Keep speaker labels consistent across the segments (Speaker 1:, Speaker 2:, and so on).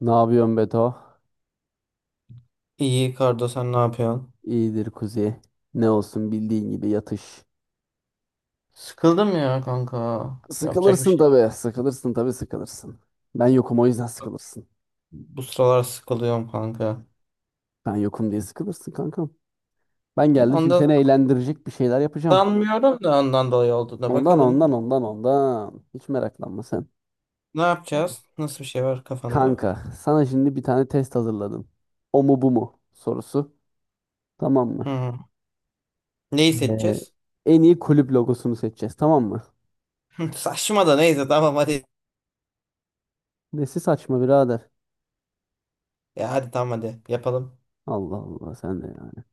Speaker 1: Ne yapıyorsun Beto?
Speaker 2: İyi Kardo sen ne yapıyorsun?
Speaker 1: İyidir kuzi. Ne olsun bildiğin gibi yatış.
Speaker 2: Sıkıldım ya kanka. Yapacak bir
Speaker 1: Sıkılırsın
Speaker 2: şey yok.
Speaker 1: tabii. Sıkılırsın tabii sıkılırsın. Ben yokum o yüzden sıkılırsın.
Speaker 2: Bu sıralar sıkılıyorum kanka.
Speaker 1: Ben yokum diye sıkılırsın kankam. Ben
Speaker 2: Ya
Speaker 1: geldim şimdi
Speaker 2: ondan
Speaker 1: seni eğlendirecek bir şeyler yapacağım.
Speaker 2: sanmıyorum da ondan dolayı olduğuna
Speaker 1: Ondan ondan
Speaker 2: bakalım.
Speaker 1: ondan ondan. Hiç meraklanma sen.
Speaker 2: Ne yapacağız? Nasıl bir şey var kafanda?
Speaker 1: Kanka sana şimdi bir tane test hazırladım. O mu bu mu sorusu. Tamam mı?
Speaker 2: Hı. Neyi
Speaker 1: Ee,
Speaker 2: seçeceğiz?
Speaker 1: En iyi kulüp logosunu seçeceğiz, tamam mı?
Speaker 2: Saçma da neyse tamam hadi.
Speaker 1: Nesi saçma birader.
Speaker 2: Ya hadi tamam hadi yapalım.
Speaker 1: Allah Allah sen de yani.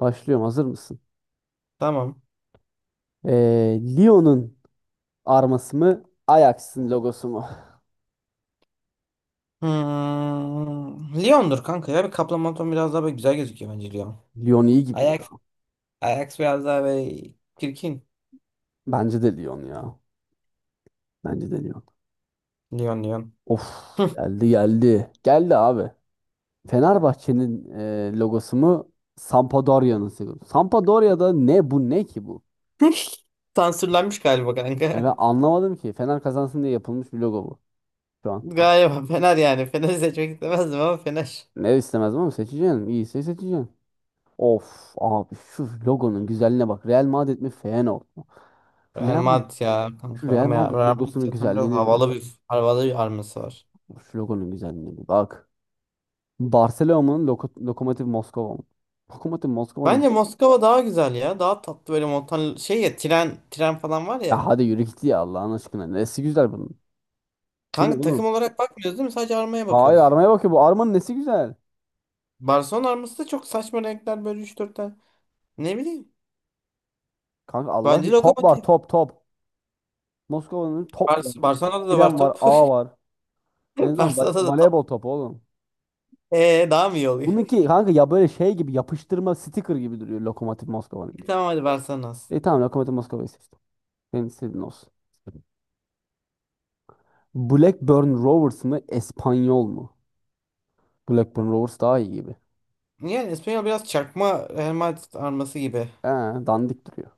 Speaker 1: Başlıyorum, hazır mısın?
Speaker 2: Tamam.
Speaker 1: Lyon'un arması mı, Ajax'ın logosu mu?
Speaker 2: Hmm. Lyon'dur kanka ya. Bir Kaplamaton biraz daha böyle güzel gözüküyor bence Lyon.
Speaker 1: Lyon iyi gibi ya.
Speaker 2: Ajax, Ajax biraz daha böyle çirkin.
Speaker 1: Bence de Lyon ya. Bence de Lyon.
Speaker 2: Lyon Lyon.
Speaker 1: Of, geldi geldi. Geldi abi. Fenerbahçe'nin logosu mu, Sampdoria'nın logosu? Sampdoria'da ne bu, ne ki bu?
Speaker 2: Sansürlenmiş galiba
Speaker 1: E
Speaker 2: kanka.
Speaker 1: ben anlamadım ki. Fener kazansın diye yapılmış bir logo bu şu an.
Speaker 2: Galiba Fener yani. Fener'i seçmek istemezdim ama Fener.
Speaker 1: Ne istemezdim ama seçeceğim. İyiyse seçeceğim. Of abi, şu logonun güzelliğine bak. Real Madrid mi Feyenoord mu? Şu
Speaker 2: Real
Speaker 1: Real Madrid,
Speaker 2: Madrid ya
Speaker 1: şu
Speaker 2: kanka.
Speaker 1: Real
Speaker 2: Ama ya
Speaker 1: Madrid
Speaker 2: Real Madrid
Speaker 1: logosunun
Speaker 2: zaten biraz
Speaker 1: güzelliğine bir bak.
Speaker 2: havalı bir havalı bir arması var.
Speaker 1: Şu logonun güzelliğine bir bak. Barcelona'nın Lokomotiv Moskova mı? Lokomotiv Moskova mı?
Speaker 2: Bence Moskova daha güzel ya. Daha tatlı böyle montan şey ya tren tren falan var
Speaker 1: Ya
Speaker 2: ya.
Speaker 1: hadi yürü git ya Allah'ın aşkına. Nesi güzel bunun? Bu ne
Speaker 2: Kanka
Speaker 1: oğlum?
Speaker 2: takım olarak bakmıyoruz değil mi? Sadece armaya
Speaker 1: Hayır,
Speaker 2: bakıyoruz.
Speaker 1: armaya bak ya, bu armanın nesi güzel?
Speaker 2: Barcelona arması da çok saçma renkler böyle üç 4 tane. Ne bileyim.
Speaker 1: Kanka Allah
Speaker 2: Bence
Speaker 1: aşkına top var,
Speaker 2: Lokomotiv.
Speaker 1: top top. Moskova'nın top var.
Speaker 2: Barcelona'da da var
Speaker 1: Tren var,
Speaker 2: top.
Speaker 1: ağ var. En azından
Speaker 2: Barcelona'da da top.
Speaker 1: voleybol topu oğlum.
Speaker 2: Daha mı iyi oluyor?
Speaker 1: Bununki kanka ya böyle şey gibi, yapıştırma sticker gibi duruyor Lokomotiv Moskova'nınki.
Speaker 2: Tamam hadi Barcelona.
Speaker 1: E tamam, Lokomotiv Moskova'yı seçtim. Senin istediğin olsun. Blackburn Rovers mı? Espanyol mu? Blackburn Rovers daha iyi gibi.
Speaker 2: Yani İspanyol biraz çakma Real Madrid arması gibi.
Speaker 1: Ee, Dandik duruyor.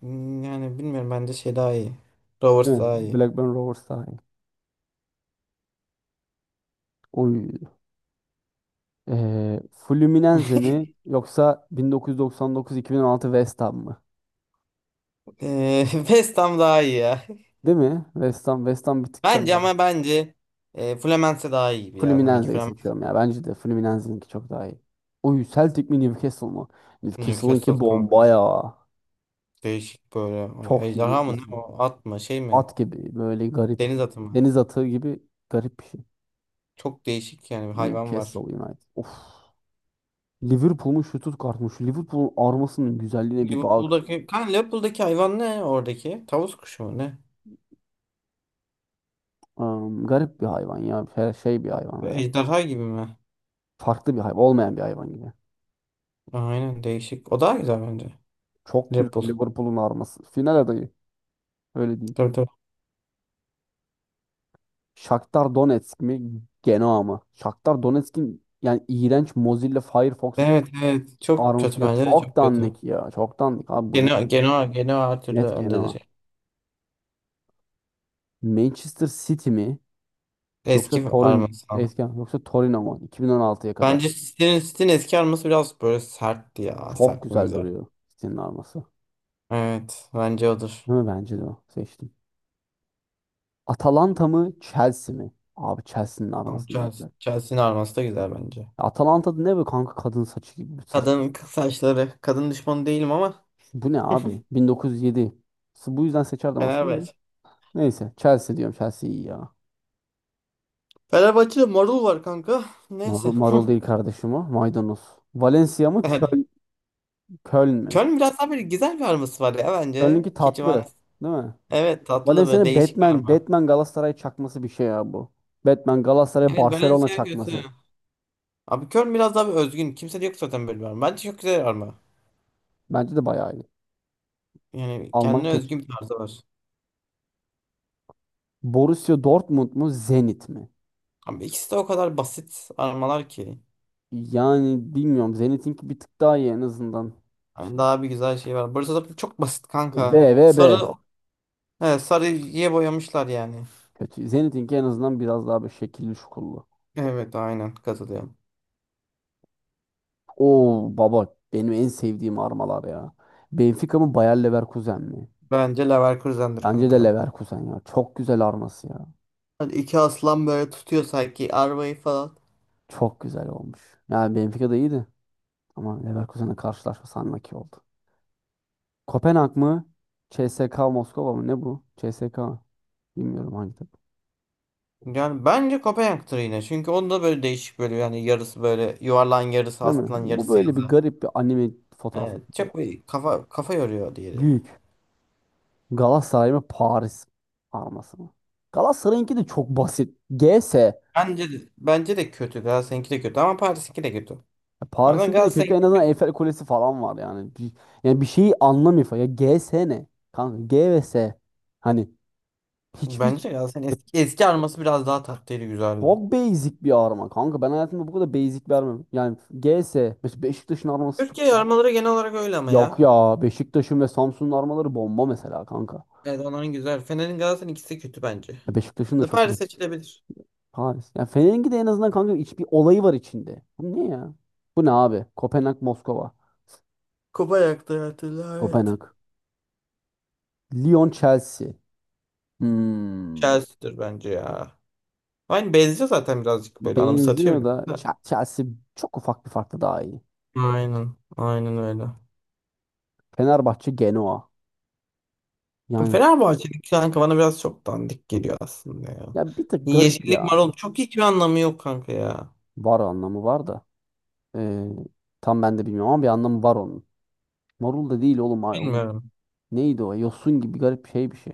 Speaker 2: Yani bilmiyorum bence şey daha iyi.
Speaker 1: Değil
Speaker 2: Rovers daha
Speaker 1: mi?
Speaker 2: iyi.
Speaker 1: Blackburn Rovers daha iyi. Oy. Fluminense mi yoksa 1999-2016 West Ham mı?
Speaker 2: West Ham daha iyi ya.
Speaker 1: Değil mi? West Ham bir tık
Speaker 2: Bence
Speaker 1: daha iyi.
Speaker 2: ama bence Fluminense daha iyi gibi ya. Sanki
Speaker 1: Fluminense'yi
Speaker 2: Fluminense
Speaker 1: seçiyorum ya. Bence de Fluminense'ninki çok daha iyi. Oy, Celtic mi Newcastle mı?
Speaker 2: Newcastle
Speaker 1: Newcastle'ınki
Speaker 2: kanka.
Speaker 1: bomba ya.
Speaker 2: Değişik böyle. Ay,
Speaker 1: Çok iyi
Speaker 2: Ejderha mı
Speaker 1: Newcastle.
Speaker 2: ne o? At mı? Şey mi?
Speaker 1: At gibi böyle garip.
Speaker 2: Deniz atı mı?
Speaker 1: Deniz atı gibi garip bir şey.
Speaker 2: Çok değişik yani bir hayvan var.
Speaker 1: Newcastle United. Of. Liverpool'un şu tut kartmış. Liverpool'un armasının güzelliğine bir bak.
Speaker 2: Liverpool'daki hayvan ne oradaki? Tavus kuşu mu ne?
Speaker 1: Garip bir hayvan ya. Her şey bir hayvan
Speaker 2: Ve
Speaker 1: herhalde.
Speaker 2: Ejderha gibi mi?
Speaker 1: Farklı bir hayvan. Olmayan bir hayvan gibi.
Speaker 2: Aynen değişik. O daha güzel bence.
Speaker 1: Çok güzel
Speaker 2: Liverpool.
Speaker 1: Liverpool'un arması. Final adayı. Öyle diyeyim.
Speaker 2: Tabii tabii.
Speaker 1: Shakhtar Donetsk mi? Genoa mı? Shakhtar Donetsk'in yani iğrenç Mozilla Firefox
Speaker 2: Evet evet. Çok
Speaker 1: arması.
Speaker 2: kötü
Speaker 1: Ya
Speaker 2: bence de
Speaker 1: çok
Speaker 2: çok kötü.
Speaker 1: dandik ya. Çok dandik. Abi bu ne?
Speaker 2: Genoa, Genoa, Genoa her türlü
Speaker 1: Net
Speaker 2: öndedir.
Speaker 1: Genoa. Manchester City mi? Yoksa
Speaker 2: Eski
Speaker 1: Torin
Speaker 2: arması ama.
Speaker 1: eski yoksa Torino mu? 2016'ya kadar.
Speaker 2: Bence City'nin eski arması biraz böyle sertti ya.
Speaker 1: Çok
Speaker 2: Sert bir
Speaker 1: güzel
Speaker 2: mizah.
Speaker 1: duruyor City'nin arması.
Speaker 2: Evet. Bence odur.
Speaker 1: Değil mi? Bence de o. Seçtim. Atalanta mı Chelsea mi? Abi Chelsea'nin
Speaker 2: Ama
Speaker 1: arması ne
Speaker 2: Chelsea,
Speaker 1: güzel.
Speaker 2: Chelsea'nin arması da güzel bence.
Speaker 1: Atalanta'da ne böyle kanka, kadın saçı gibi bir saç.
Speaker 2: Kadın kız saçları. Kadın düşmanı değilim ama.
Speaker 1: Bu ne abi? 1907. Bu yüzden seçerdim aslında.
Speaker 2: Fenerbahçe.
Speaker 1: Neyse Chelsea diyorum, Chelsea iyi ya.
Speaker 2: Fenerbahçe'de marul var kanka. Neyse.
Speaker 1: Marul değil kardeşim o. Maydanoz. Valencia mı
Speaker 2: Yani
Speaker 1: Köln, Köln mü?
Speaker 2: Köln biraz daha böyle güzel bir arması var ya bence.
Speaker 1: Köln'ünki
Speaker 2: Keçivan.
Speaker 1: tatlı, değil mi?
Speaker 2: Evet tatlı ve
Speaker 1: Valencia'nın
Speaker 2: değişik bir
Speaker 1: Batman
Speaker 2: arma.
Speaker 1: Batman Galatasaray çakması bir şey ya bu. Batman Galatasaray
Speaker 2: Evet
Speaker 1: Barcelona
Speaker 2: Balenciaga kötü.
Speaker 1: çakması.
Speaker 2: Abi Köln biraz daha bir özgün. Kimse de yok zaten böyle bir arma. Bence çok güzel bir arma.
Speaker 1: Bence de bayağı iyi.
Speaker 2: Yani
Speaker 1: Alman
Speaker 2: kendine
Speaker 1: keç.
Speaker 2: özgü bir tarzı var.
Speaker 1: Borussia Dortmund mu Zenit mi?
Speaker 2: Ama ikisi de o kadar basit armalar ki.
Speaker 1: Yani bilmiyorum. Zenit'inki bir tık daha iyi en azından.
Speaker 2: Yani daha bir güzel şey var. Burası da çok basit kanka.
Speaker 1: B ve
Speaker 2: Sarı,
Speaker 1: B.
Speaker 2: evet, sarıya boyamışlar yani.
Speaker 1: Kötü. Zenit'inki en azından biraz daha bir şekilli şukullu.
Speaker 2: Evet aynen katılıyorum.
Speaker 1: Oo baba, benim en sevdiğim armalar ya. Benfica mı Bayer Leverkusen mi?
Speaker 2: Bence Leverkusen'dir
Speaker 1: Bence de
Speaker 2: kanka.
Speaker 1: Leverkusen ya. Çok güzel arması ya.
Speaker 2: Hadi iki aslan böyle tutuyor sanki arabayı falan.
Speaker 1: Çok güzel olmuş. Yani Benfica da iyiydi. Ama Leverkusen'le karşılaşma sanmaki oldu. Kopenhag mı? CSKA Moskova mı? Ne bu? CSKA. Bilmiyorum hangi takım.
Speaker 2: Yani bence Kopenhag'dır yine. Çünkü onda böyle değişik böyle yani yarısı böyle yuvarlan yarısı
Speaker 1: Değil mi?
Speaker 2: aslan
Speaker 1: Bu
Speaker 2: yarısı
Speaker 1: böyle
Speaker 2: yazı.
Speaker 1: bir garip bir anime fotoğrafı
Speaker 2: Evet
Speaker 1: gibi.
Speaker 2: çok bir kafa kafa yoruyor diğeri.
Speaker 1: Büyük. Galatasaray mı Paris forması mı? Galatasaray'ınki de çok basit. GS.
Speaker 2: Bence de kötü. Galatasaray'ınki de kötü ama Paris'inki de kötü.
Speaker 1: Ya
Speaker 2: Bazen
Speaker 1: Paris'inki de kötü.
Speaker 2: Galatasaray'ın
Speaker 1: En azından Eiffel Kulesi falan var yani. Bir, yani bir şeyi anlamıyor falan. Ya GS ne? Kanka G ve S. Hani
Speaker 2: bence
Speaker 1: hiçbir
Speaker 2: Galatasaray'ın
Speaker 1: e,
Speaker 2: eski arması biraz daha tatlıydı güzeldi.
Speaker 1: çok basic bir arma kanka. Ben hayatımda bu kadar basic bir arma. Yani GS. Mesela Beşiktaş'ın arması
Speaker 2: Türkiye
Speaker 1: çok...
Speaker 2: armaları genel olarak öyle ama ya.
Speaker 1: Yok ya. Beşiktaş'ın ve Samsun'un armaları bomba mesela kanka.
Speaker 2: Evet onların güzel. Fener'in Galatasaray'ın ikisi kötü bence.
Speaker 1: Ya Beşiktaş'ın da
Speaker 2: De
Speaker 1: çok
Speaker 2: Paris
Speaker 1: güzel.
Speaker 2: seçilebilir.
Speaker 1: Paris. Ya Fener'inki de en azından kanka iç bir olayı var içinde. Bu ne ya? Bu ne abi? Kopenhag Moskova.
Speaker 2: Kupa yaktı hatırla evet.
Speaker 1: Kopenhag. Lyon Chelsea. Hmm.
Speaker 2: Chelsea'dir bence ya. Aynı benziyor zaten birazcık böyle anımsatıyor
Speaker 1: Benziyor
Speaker 2: bile.
Speaker 1: da Chelsea çok ufak bir farkla daha iyi.
Speaker 2: Aynen. Aynen öyle.
Speaker 1: Fenerbahçe Genoa. Yani
Speaker 2: Fenerbahçe'nin kanka bana biraz çok dandik geliyor aslında ya.
Speaker 1: ya bir tık garip
Speaker 2: Yeşillik
Speaker 1: ya.
Speaker 2: marul çok hiçbir anlamı yok kanka ya.
Speaker 1: Var, anlamı var da. Ee, Tam ben de bilmiyorum ama bir anlamı var onun. Marul da değil oğlum.
Speaker 2: Bilmiyorum.
Speaker 1: Neydi o? Yosun gibi garip şey bir şey.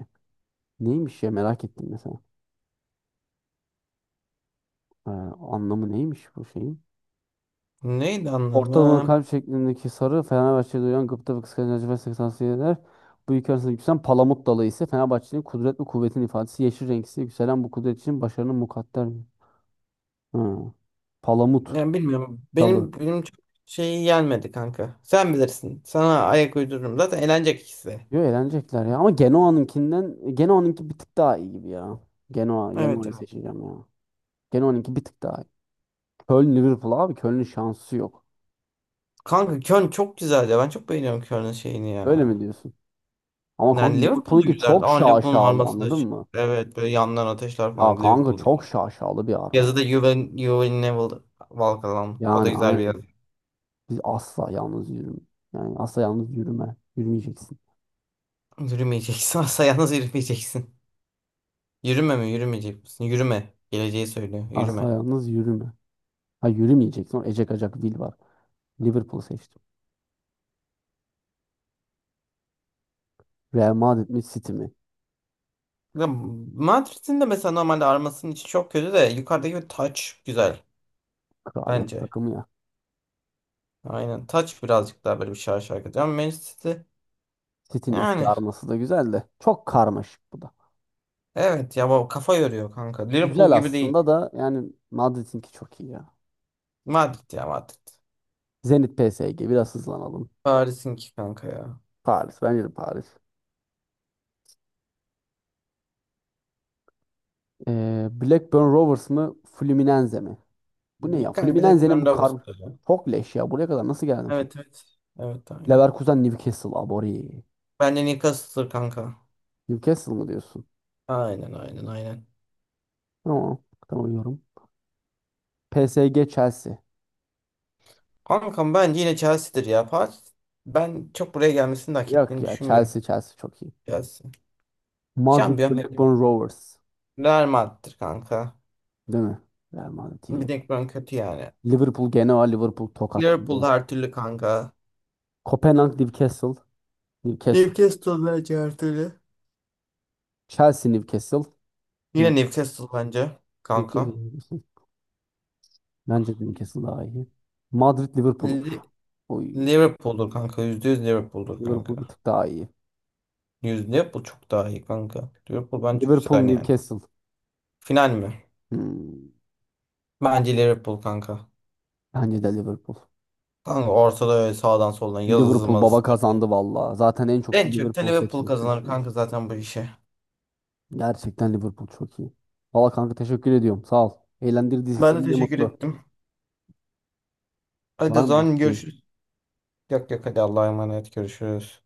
Speaker 1: Neymiş ya, merak ettim mesela. Ee, Anlamı neymiş bu şey?
Speaker 2: Neydi
Speaker 1: Ortalama
Speaker 2: anlamı?
Speaker 1: kalp şeklindeki sarı Fenerbahçe'de uyan gıpta ve kıskanç acı ve seksansı. Bu iki arasında yükselen palamut dalı ise Fenerbahçe'nin kudret ve kuvvetin ifadesi. Yeşil renk ise yükselen bu kudret için başarının mukadder. Ha, palamut
Speaker 2: Yani bilmiyorum.
Speaker 1: dalı.
Speaker 2: Benim çok şeyi gelmedi kanka. Sen bilirsin. Sana ayak uydururum. Zaten eğlenecek ikisi de.
Speaker 1: Yo, eğlenecekler ya. Ama Genoa'nınkinden Genoa'nınki bir tık daha iyi gibi ya. Genoa,
Speaker 2: Evet
Speaker 1: Genoa'yı
Speaker 2: evet.
Speaker 1: seçeceğim ya. Genoa'nınki bir tık daha iyi. Köln Liverpool, abi Köln'ün şansı yok.
Speaker 2: Kanka Köln çok güzel ya. Ben çok beğeniyorum Köln'ün şeyini
Speaker 1: Öyle
Speaker 2: ya.
Speaker 1: mi diyorsun? Ama kanka
Speaker 2: Yani Liverpool da
Speaker 1: Liverpool'unki
Speaker 2: güzel.
Speaker 1: çok
Speaker 2: Ama Liverpool'un
Speaker 1: şaşalı,
Speaker 2: arması da
Speaker 1: anladın
Speaker 2: şey.
Speaker 1: mı?
Speaker 2: Evet böyle yandan ateşler
Speaker 1: Ya
Speaker 2: falan
Speaker 1: kanka
Speaker 2: Liverpool'da.
Speaker 1: çok şaşalı bir arma
Speaker 2: Yazı
Speaker 1: ya.
Speaker 2: da you will Never Walk Alone. O
Speaker 1: Yani
Speaker 2: da güzel bir
Speaker 1: aynen.
Speaker 2: yazı.
Speaker 1: Biz asla yalnız yürüme. Yani asla yalnız yürüme. Yürümeyeceksin.
Speaker 2: Yürümeyeceksin. Asla yalnız yürümeyeceksin. Yürüme mi? Yürümeyecek misin? Yürüme. Geleceği söylüyor.
Speaker 1: Asla
Speaker 2: Yürüme.
Speaker 1: yalnız yürüme. Ha, yürümeyeceksin. Orada Ecek Acak Will var. Liverpool seçtim. Real Madrid mi City mi?
Speaker 2: Ya, Madrid'in de mesela normalde armasının içi çok kötü de yukarıdaki bir taç güzel
Speaker 1: Kraliyet
Speaker 2: bence.
Speaker 1: takımı ya.
Speaker 2: Aynen taç birazcık daha böyle bir şarj şarkı. Ama Manchester City
Speaker 1: City'nin eski
Speaker 2: yani
Speaker 1: arması da güzel de. Çok karmaşık bu da.
Speaker 2: evet ya bu kafa yoruyor kanka. Liverpool
Speaker 1: Güzel
Speaker 2: gibi
Speaker 1: aslında
Speaker 2: değil.
Speaker 1: da, yani Madrid'inki çok iyi ya.
Speaker 2: Madrid ya Madrid.
Speaker 1: Zenit PSG, biraz hızlanalım.
Speaker 2: Paris'inki kanka ya.
Speaker 1: Paris, bence de Paris. Blackburn Rovers mı Fluminense mi? Bu ne
Speaker 2: Bir,
Speaker 1: ya?
Speaker 2: kanka bir de
Speaker 1: Fluminense'nin bu
Speaker 2: Bernabeu
Speaker 1: kar
Speaker 2: stadı.
Speaker 1: çok leş ya. Buraya kadar nasıl geldin Fluminense?
Speaker 2: Evet evet. Evet aynen.
Speaker 1: Leverkusen Newcastle abori.
Speaker 2: Bence Newcastle'dır kanka.
Speaker 1: Newcastle mı diyorsun?
Speaker 2: Aynen aynen aynen.
Speaker 1: Tamam. Tamam yorum. PSG Chelsea.
Speaker 2: Kankam bence yine Chelsea'dir ya. Paris ben çok buraya gelmesini de hak
Speaker 1: Yok
Speaker 2: ettiğini
Speaker 1: ya,
Speaker 2: düşünmüyorum.
Speaker 1: Chelsea Chelsea çok iyi.
Speaker 2: Chelsea.
Speaker 1: Madrid
Speaker 2: Şampiyon
Speaker 1: Blackburn Rovers.
Speaker 2: Real Madrid kanka.
Speaker 1: Değil mi? Real Madrid iyi
Speaker 2: Bir
Speaker 1: ya.
Speaker 2: tek ben kötü yani.
Speaker 1: Liverpool gene var. Liverpool
Speaker 2: Liverpool
Speaker 1: tokatladı.
Speaker 2: her türlü kanka.
Speaker 1: Kopenhag Newcastle. Newcastle.
Speaker 2: Newcastle bence her türlü.
Speaker 1: Chelsea Newcastle.
Speaker 2: Yine
Speaker 1: Hı.
Speaker 2: Newcastle bence
Speaker 1: Newcastle.
Speaker 2: kanka.
Speaker 1: Newcastle. Bence de Newcastle daha iyi. Madrid Liverpool. Uf.
Speaker 2: Li-
Speaker 1: Oy.
Speaker 2: Liverpool'dur kanka. Yüzde yüz Liverpool'dur
Speaker 1: Liverpool bir
Speaker 2: kanka.
Speaker 1: tık daha iyi.
Speaker 2: Yüzde Liverpool çok daha iyi kanka. Liverpool bence
Speaker 1: Liverpool
Speaker 2: güzel yani.
Speaker 1: Newcastle.
Speaker 2: Final mi?
Speaker 1: Hmm.
Speaker 2: Bence Liverpool kanka.
Speaker 1: Bence de Liverpool.
Speaker 2: Kanka ortada öyle sağdan soldan yazı
Speaker 1: Liverpool
Speaker 2: mazı.
Speaker 1: baba kazandı valla. Zaten en çok da
Speaker 2: En çok da
Speaker 1: Liverpool
Speaker 2: Liverpool kazanır kanka
Speaker 1: seçilmiş.
Speaker 2: zaten bu işe.
Speaker 1: Gerçekten Liverpool çok iyi. Valla kanka teşekkür ediyorum. Sağ ol. Eğlendirdiyse
Speaker 2: Ben de
Speaker 1: seni ne
Speaker 2: teşekkür
Speaker 1: mutlu.
Speaker 2: ettim. Hadi o
Speaker 1: Var mı bir
Speaker 2: zaman
Speaker 1: isteğin?
Speaker 2: görüşürüz. Yok yok hadi Allah'a emanet görüşürüz.